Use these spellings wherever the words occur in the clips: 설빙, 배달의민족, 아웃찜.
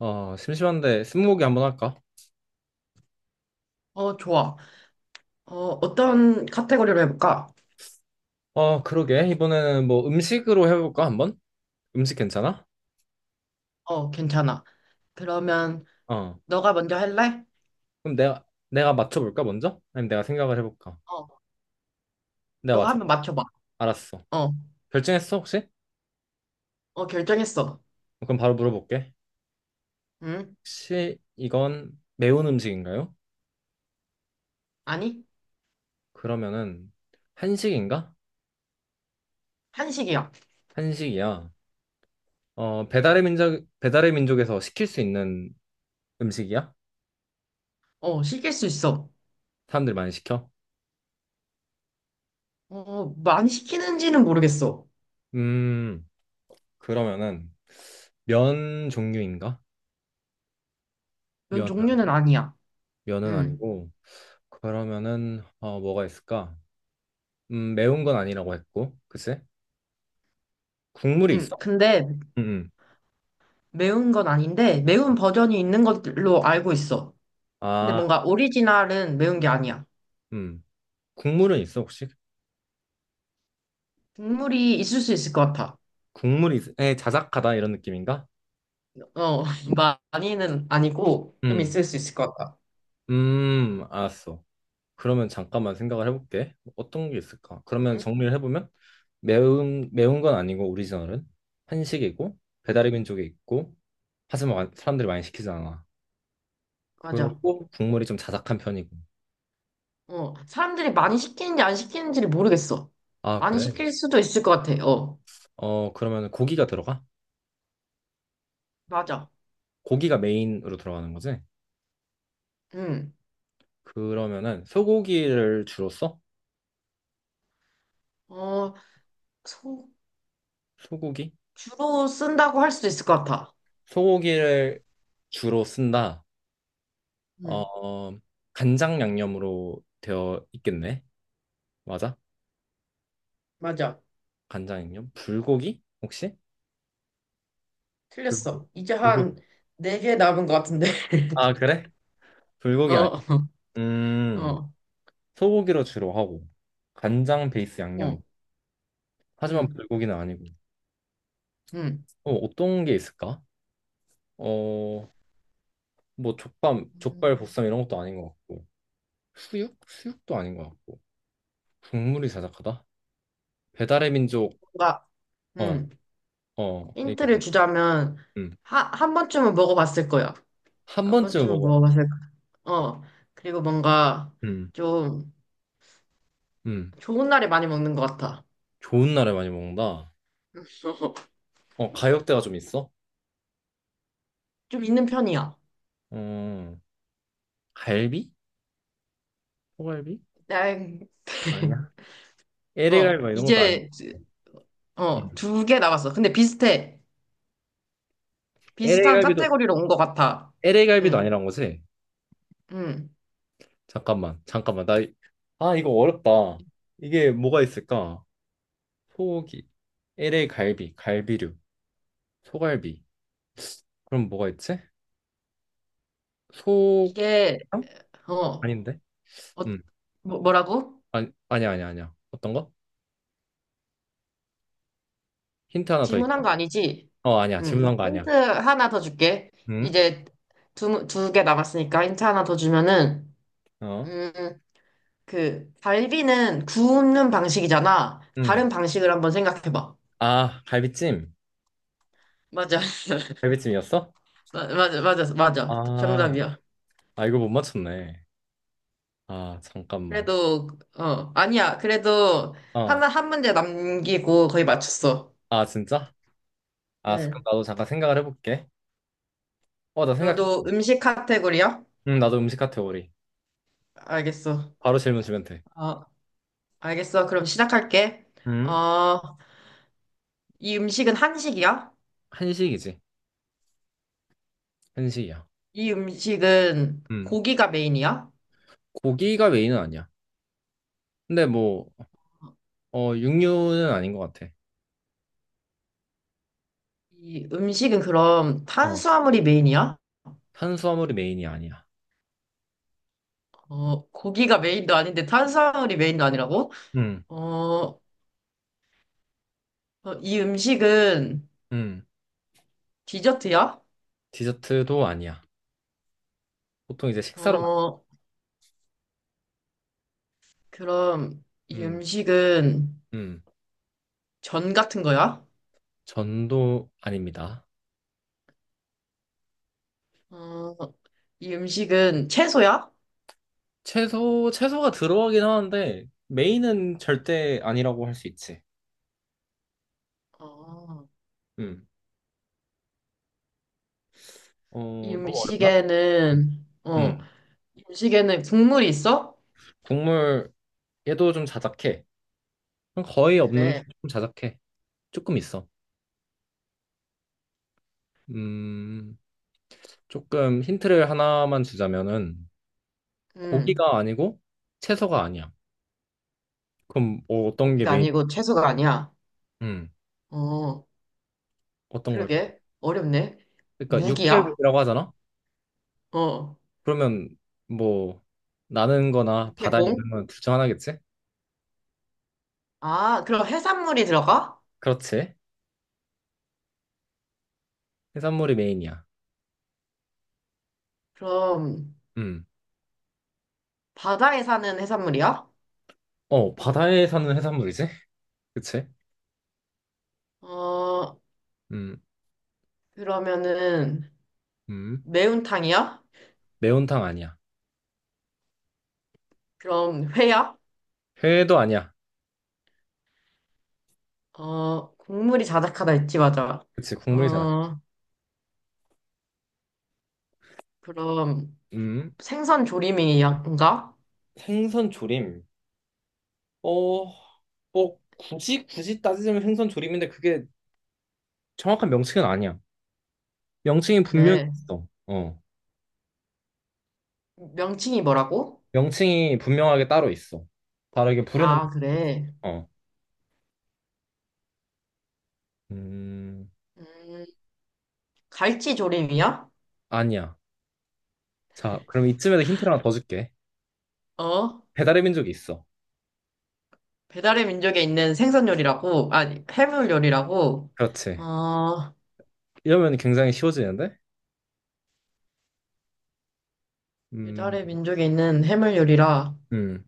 심심한데 스무고개 한번 할까? 어, 좋아. 어, 어떤 카테고리로 해볼까? 그러게. 이번에는 뭐 음식으로 해볼까, 한번? 음식 괜찮아? 어, 괜찮아. 그러면 어. 너가 먼저 할래? 그럼 내가, 내가 맞춰볼까, 먼저? 아니면 내가 생각을 해볼까? 어, 내가 너가 한번 맞춰봐. 맞춰봐. 알았어. 어, 결정했어, 혹시? 어, 결정했어. 그럼 바로 물어볼게. 응? 혹시 이건 매운 음식인가요? 아니? 그러면은 한식인가? 한식이야. 한식이야. 배달의 민족, 배달의 민족에서 시킬 수 있는 음식이야? 어, 시킬 수 있어. 사람들이 많이 시켜? 어, 많이 시키는지는 모르겠어. 음, 그러면은 면 종류인가? 이런 면 종류는 아니야. 면은 응, 아니고 그러면은 뭐가 있을까? 매운 건 아니라고 했고 글쎄 국물이 응. 있어? 근데 음, 음. 매운 건 아닌데, 매운 버전이 있는 걸로 알고 있어. 근데 아, 뭔가 오리지널은 매운 게 아니야. 음. 국물은 있어 혹시? 국물이 있을 수 있을 것 같아. 국물이 있... 에, 자작하다 이런 느낌인가? 어, 많이는 아니고 좀 음, 있을 수 있을 것 같다. 알았어. 그러면 잠깐만 생각을 해볼게. 어떤 게 있을까? 그러면 응? 정리를 해보면 매운 건 아니고 오리지널은 한식이고 응? 배달의 민족이 있고 하지만 사람들이 많이 시키지 않아. 맞아. 그리고 국물이 좀 자작한 편이고. 어, 사람들이 많이 시키는지 안 시키는지를 모르겠어. 아, 많이 그래? 시킬 수도 있을 것 같아. 어, 어, 그러면 고기가 들어가? 맞아. 고기가 메인으로 들어가는 거지? 응. 그러면은 소고기를 주로 써? 어, 소- 소고기? 주로 쓴다고 할 수도 있을 것 같아. 소고기를 주로 쓴다. 응, 어, 간장 양념으로 되어 있겠네. 맞아? 맞아. 간장 양념? 불고기? 혹시? 불고기. 틀렸어. 이제 불고기. 한 4개 남은 것 같은데. 아, 그래? 불고기 아니야. 어, 음, 어, 소고기로 주로 하고, 간장 베이스 양념이다. 어, 하지만 응, 불고기는 아니고. 응. 어떤 게 있을까? 어, 뭐 족밥, 족발 음, 보쌈 이런 것도 아닌 것 같고. 수육? 수육도 아닌 것 같고 국물이 자작하다? 배달의 민족 뭔가, 응. 어어 힌트를 주자면, 음. 한 번쯤은 먹어봤을 거야. 한 한 번쯤 번쯤은 먹어 먹어봤을 거. 어. 그리고 뭔가 음, 좀 음. 좋은 날에 많이 먹는 것 같아. 좋은 날에 많이 먹는다 어 가격대가 좀 있어? 좀 있는 편이야. 어 갈비? 소갈비? 난, 아니야 어, LA갈비 막 이런 것도 아니야 이제, 어, 음. 2개 남았어. 근데 비슷해. 비슷한 LA갈비도 카테고리로 온 것 같아. LA갈비도 응, 아니란 거지? 응. 잠깐만 나 이- 아 이거 어렵다 이게 뭐가 있을까? 소고기 LA갈비 갈비류 소갈비 그럼 뭐가 있지? 소 이게, 어? 어, 어, 아닌데? 음. 뭐라고? 아니, 아니야. 어떤 거? 힌트 하나 더 질문한 있어? 거 아니지? 어, 아니야. 응. 질문한 거 아니야. 힌트 하나 더 줄게. 응? 이제 두 개 남았으니까 힌트 하나 더 주면은, 어? 음, 그 갈비는 구우는 방식이잖아. 응. 다른 방식을 한번 생각해봐. 아, 갈비찜. 맞아. 갈비찜이었어? 맞아, 맞아, 맞아. 아, 정답이야. 아, 이거 못 맞췄네. 아, 잠깐만. 그래도, 어, 아니야. 그래도 어. 하나, 한 문제 남기고 거의 맞췄어. 아, 진짜? 아, 잠깐 네. 나도 잠깐 생각을 해볼게. 어, 나 너도 생각했어. 음식 카테고리야? 응, 나도 음식 카테고리. 알겠어. 바로 질문 주면 돼. 어, 알겠어. 그럼 시작할게. 응? 어, 이 음식은 한식이야? 한식이지. 한식이야. 이 음식은 응. 고기가 메인이야? 고기가 메인은 아니야. 근데 뭐, 육류는 아닌 것 같아. 이 음식은 그럼 어. 탄수화물이 메인이야? 탄수화물이 메인이 아니야. 어, 고기가 메인도 아닌데 탄수화물이 메인도 아니라고? 응. 어, 어, 이 음식은 응. 디저트야? 디저트도 아니야. 보통 이제 식사로 많이- 어, 그럼 이 음, 음식은 음. 전 같은 거야? 전도 아닙니다. 어, 이 음식은 채소야? 채소, 채소가 들어가긴 하는데 메인은 절대 아니라고 할 수 있지. 어, 음. 이 어, 너무 어렵나? 음식에는, 어, 음. 이 음식에는 국물이 있어? 국물 얘도 좀 자작해. 거의 없는데 그래. 좀 자작해. 조금 있어. 음, 조금 힌트를 하나만 주자면은 음, 고기가 아니고 채소가 아니야. 그럼 뭐 어떤 게 고기가 메인? 아니고 채소가 아니야. 음. 어, 어떤 걸? 그러게. 어렵네. 그러니까 무기야? 육회국이라고 하잖아. 어, 그러면 뭐 나는 거나 바다에 육해공? 있는 건 둘 중 하나겠지? 아, 그럼 해산물이 들어가? 그렇지. 해산물이 메인이야. 그럼 음. 바다에 사는 해산물이야? 어, 바다에 사는 해산물이지? 그치? 어, 음. 그러면은 음. 매운탕이야? 매운탕 아니야. 그럼 회야? 회도 아니야. 어, 국물이 자작하다 했지, 맞아. 그치, 국물이잖아. 어, 그럼 음. 생선 조림이인가? 생선 조림. 어, 뭐 굳이 따지자면 생선 조림인데 그게 정확한 명칭은 아니야. 명칭이 분명히 그래. 있어. 어. 명칭이 뭐라고? 명칭이 분명하게 따로 있어. 바로 이게 부르는 명칭이 아, 그래. 있어. 어. 음. 음, 갈치 조림이야? 아니야. 자, 그럼 이쯤에서 힌트를 하나 더 줄게. 어, 배달의 민족이 있어. 배달의 민족에 있는 생선 요리라고, 아니, 해물 요리라고, 그렇지. 어, 이러면 굉장히 쉬워지는데? 음, 배달의 민족에 있는 해물 요리라. 음,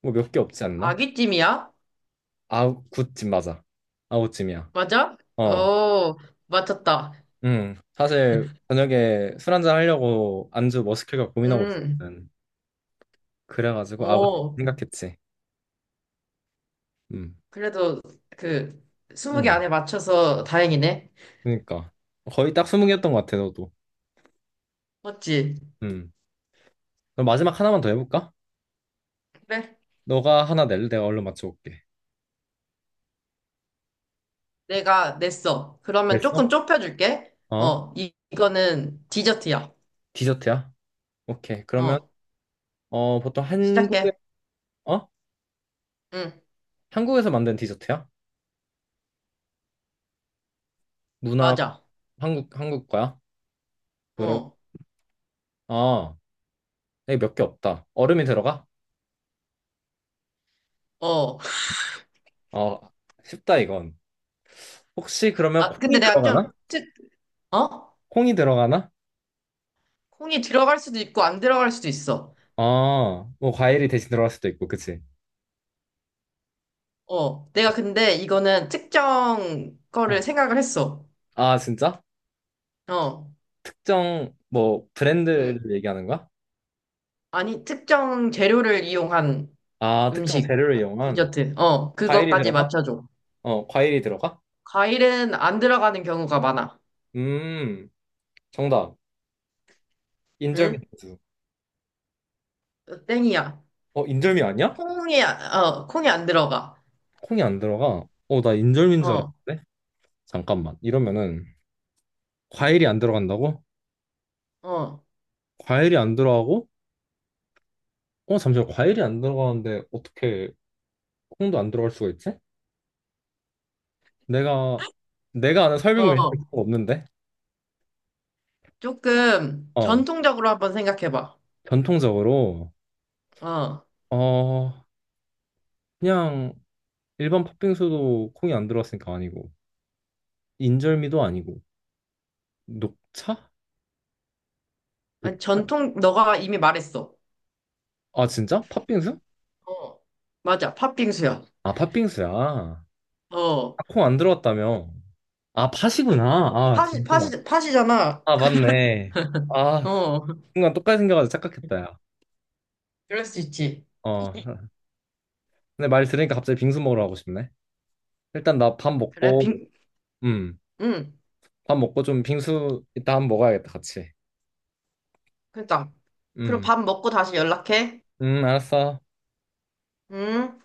뭐 몇 개 없지 않나? 아귀찜이야? 아웃집 맞아. 아웃찜이야 맞아? 어, 어, 맞췄다. 사실 저녁에 술 한잔 하려고 안주 뭐 시킬까 고민하고 음, 있었거든. 그래가지고 아웃 어, 생각했지. 음, 그래도 그, 20개 음. 안에 맞춰서 다행이네. 그러니까 거의 딱 20개였던 것 같아, 너도. 맞지? 음. 그럼 마지막 하나만 더 해볼까? 그래. 너가 하나 낼래? 내가 얼른 맞춰볼게. 내가 냈어. 그러면 됐어? 조금 좁혀줄게. 어? 어, 이거는 디저트야. 디저트야? 오케이. 그러면 어, 보통 한국에, 시작해. 어? 응, 한국에서 만든 디저트야? 문화... 맞아. 한국, 한국 거야? 그럼, 어, 아, 여기 몇 개 없다. 얼음이 들어가? 어. 어, 쉽다, 이건. 혹시 그러면 아, 근데 콩이 내가 들어가나? 좀, 어? 콩이 들어가나? 콩이 들어갈 수도 있고 안 들어갈 수도 있어. 아, 뭐 과일이 대신 들어갈 수도 있고, 그치? 어, 내가 근데 이거는 특정 어. 거를 생각을 했어. 아, 진짜? 어. 특정, 뭐, 브랜드를 음. 얘기하는 거야? 아니, 특정 재료를 이용한 아, 특정 음식, 재료를 아, 이용한 디저트. 어, 과일이 그것까지 들어가? 맞춰줘. 어, 과일이 들어가? 과일은 안 들어가는 경우가 많아. 음, 정답. 인절미 응? 소스. 어, 땡이야. 어, 인절미 아니야? 콩이 안 들어가. 콩이 안 들어가. 어, 나 인절미인 줄 어, 알았는데? 잠깐만. 이러면은 과일이 안 들어간다고? 어, 과일이 안 들어가고? 어, 잠시만. 과일이 안 들어가는데 어떻게 콩도 안 들어갈 수가 있지? 내가 내가 아는 설빙 메뉴가 어. 없는데. 조금 어, 전통적으로 한번 생각해봐. 전통적으로 어. 어, 그냥 일반 팥빙수도 콩이 안 들어갔으니까 아니고 인절미도 아니고 녹차? 아니, 녹차? 전통, 너가 이미 말했어. 아, 진짜? 팥빙수? 어. 맞아, 팥빙수야. 아, 팥빙수야. 아, 어. 콩 안 들어갔다며. 아, 팥이구나. 아, 팥이, 잠시만. 팥이, 팥이잖아. 아, 맞네. 아, 어. 순간 똑같이 생겨가지고 착각했다, 야. 그럴 수 있지. 어. 근데 말 들으니까 갑자기 빙수 먹으러 가고 싶네. 일단 나 밥 그래, 먹고, 음, 응. 밥 먹고 좀 빙수 이따 한번 먹어야겠다, 같이. 그러니까. 그럼 음, 밥 먹고 다시 연락해. 알았어. 응?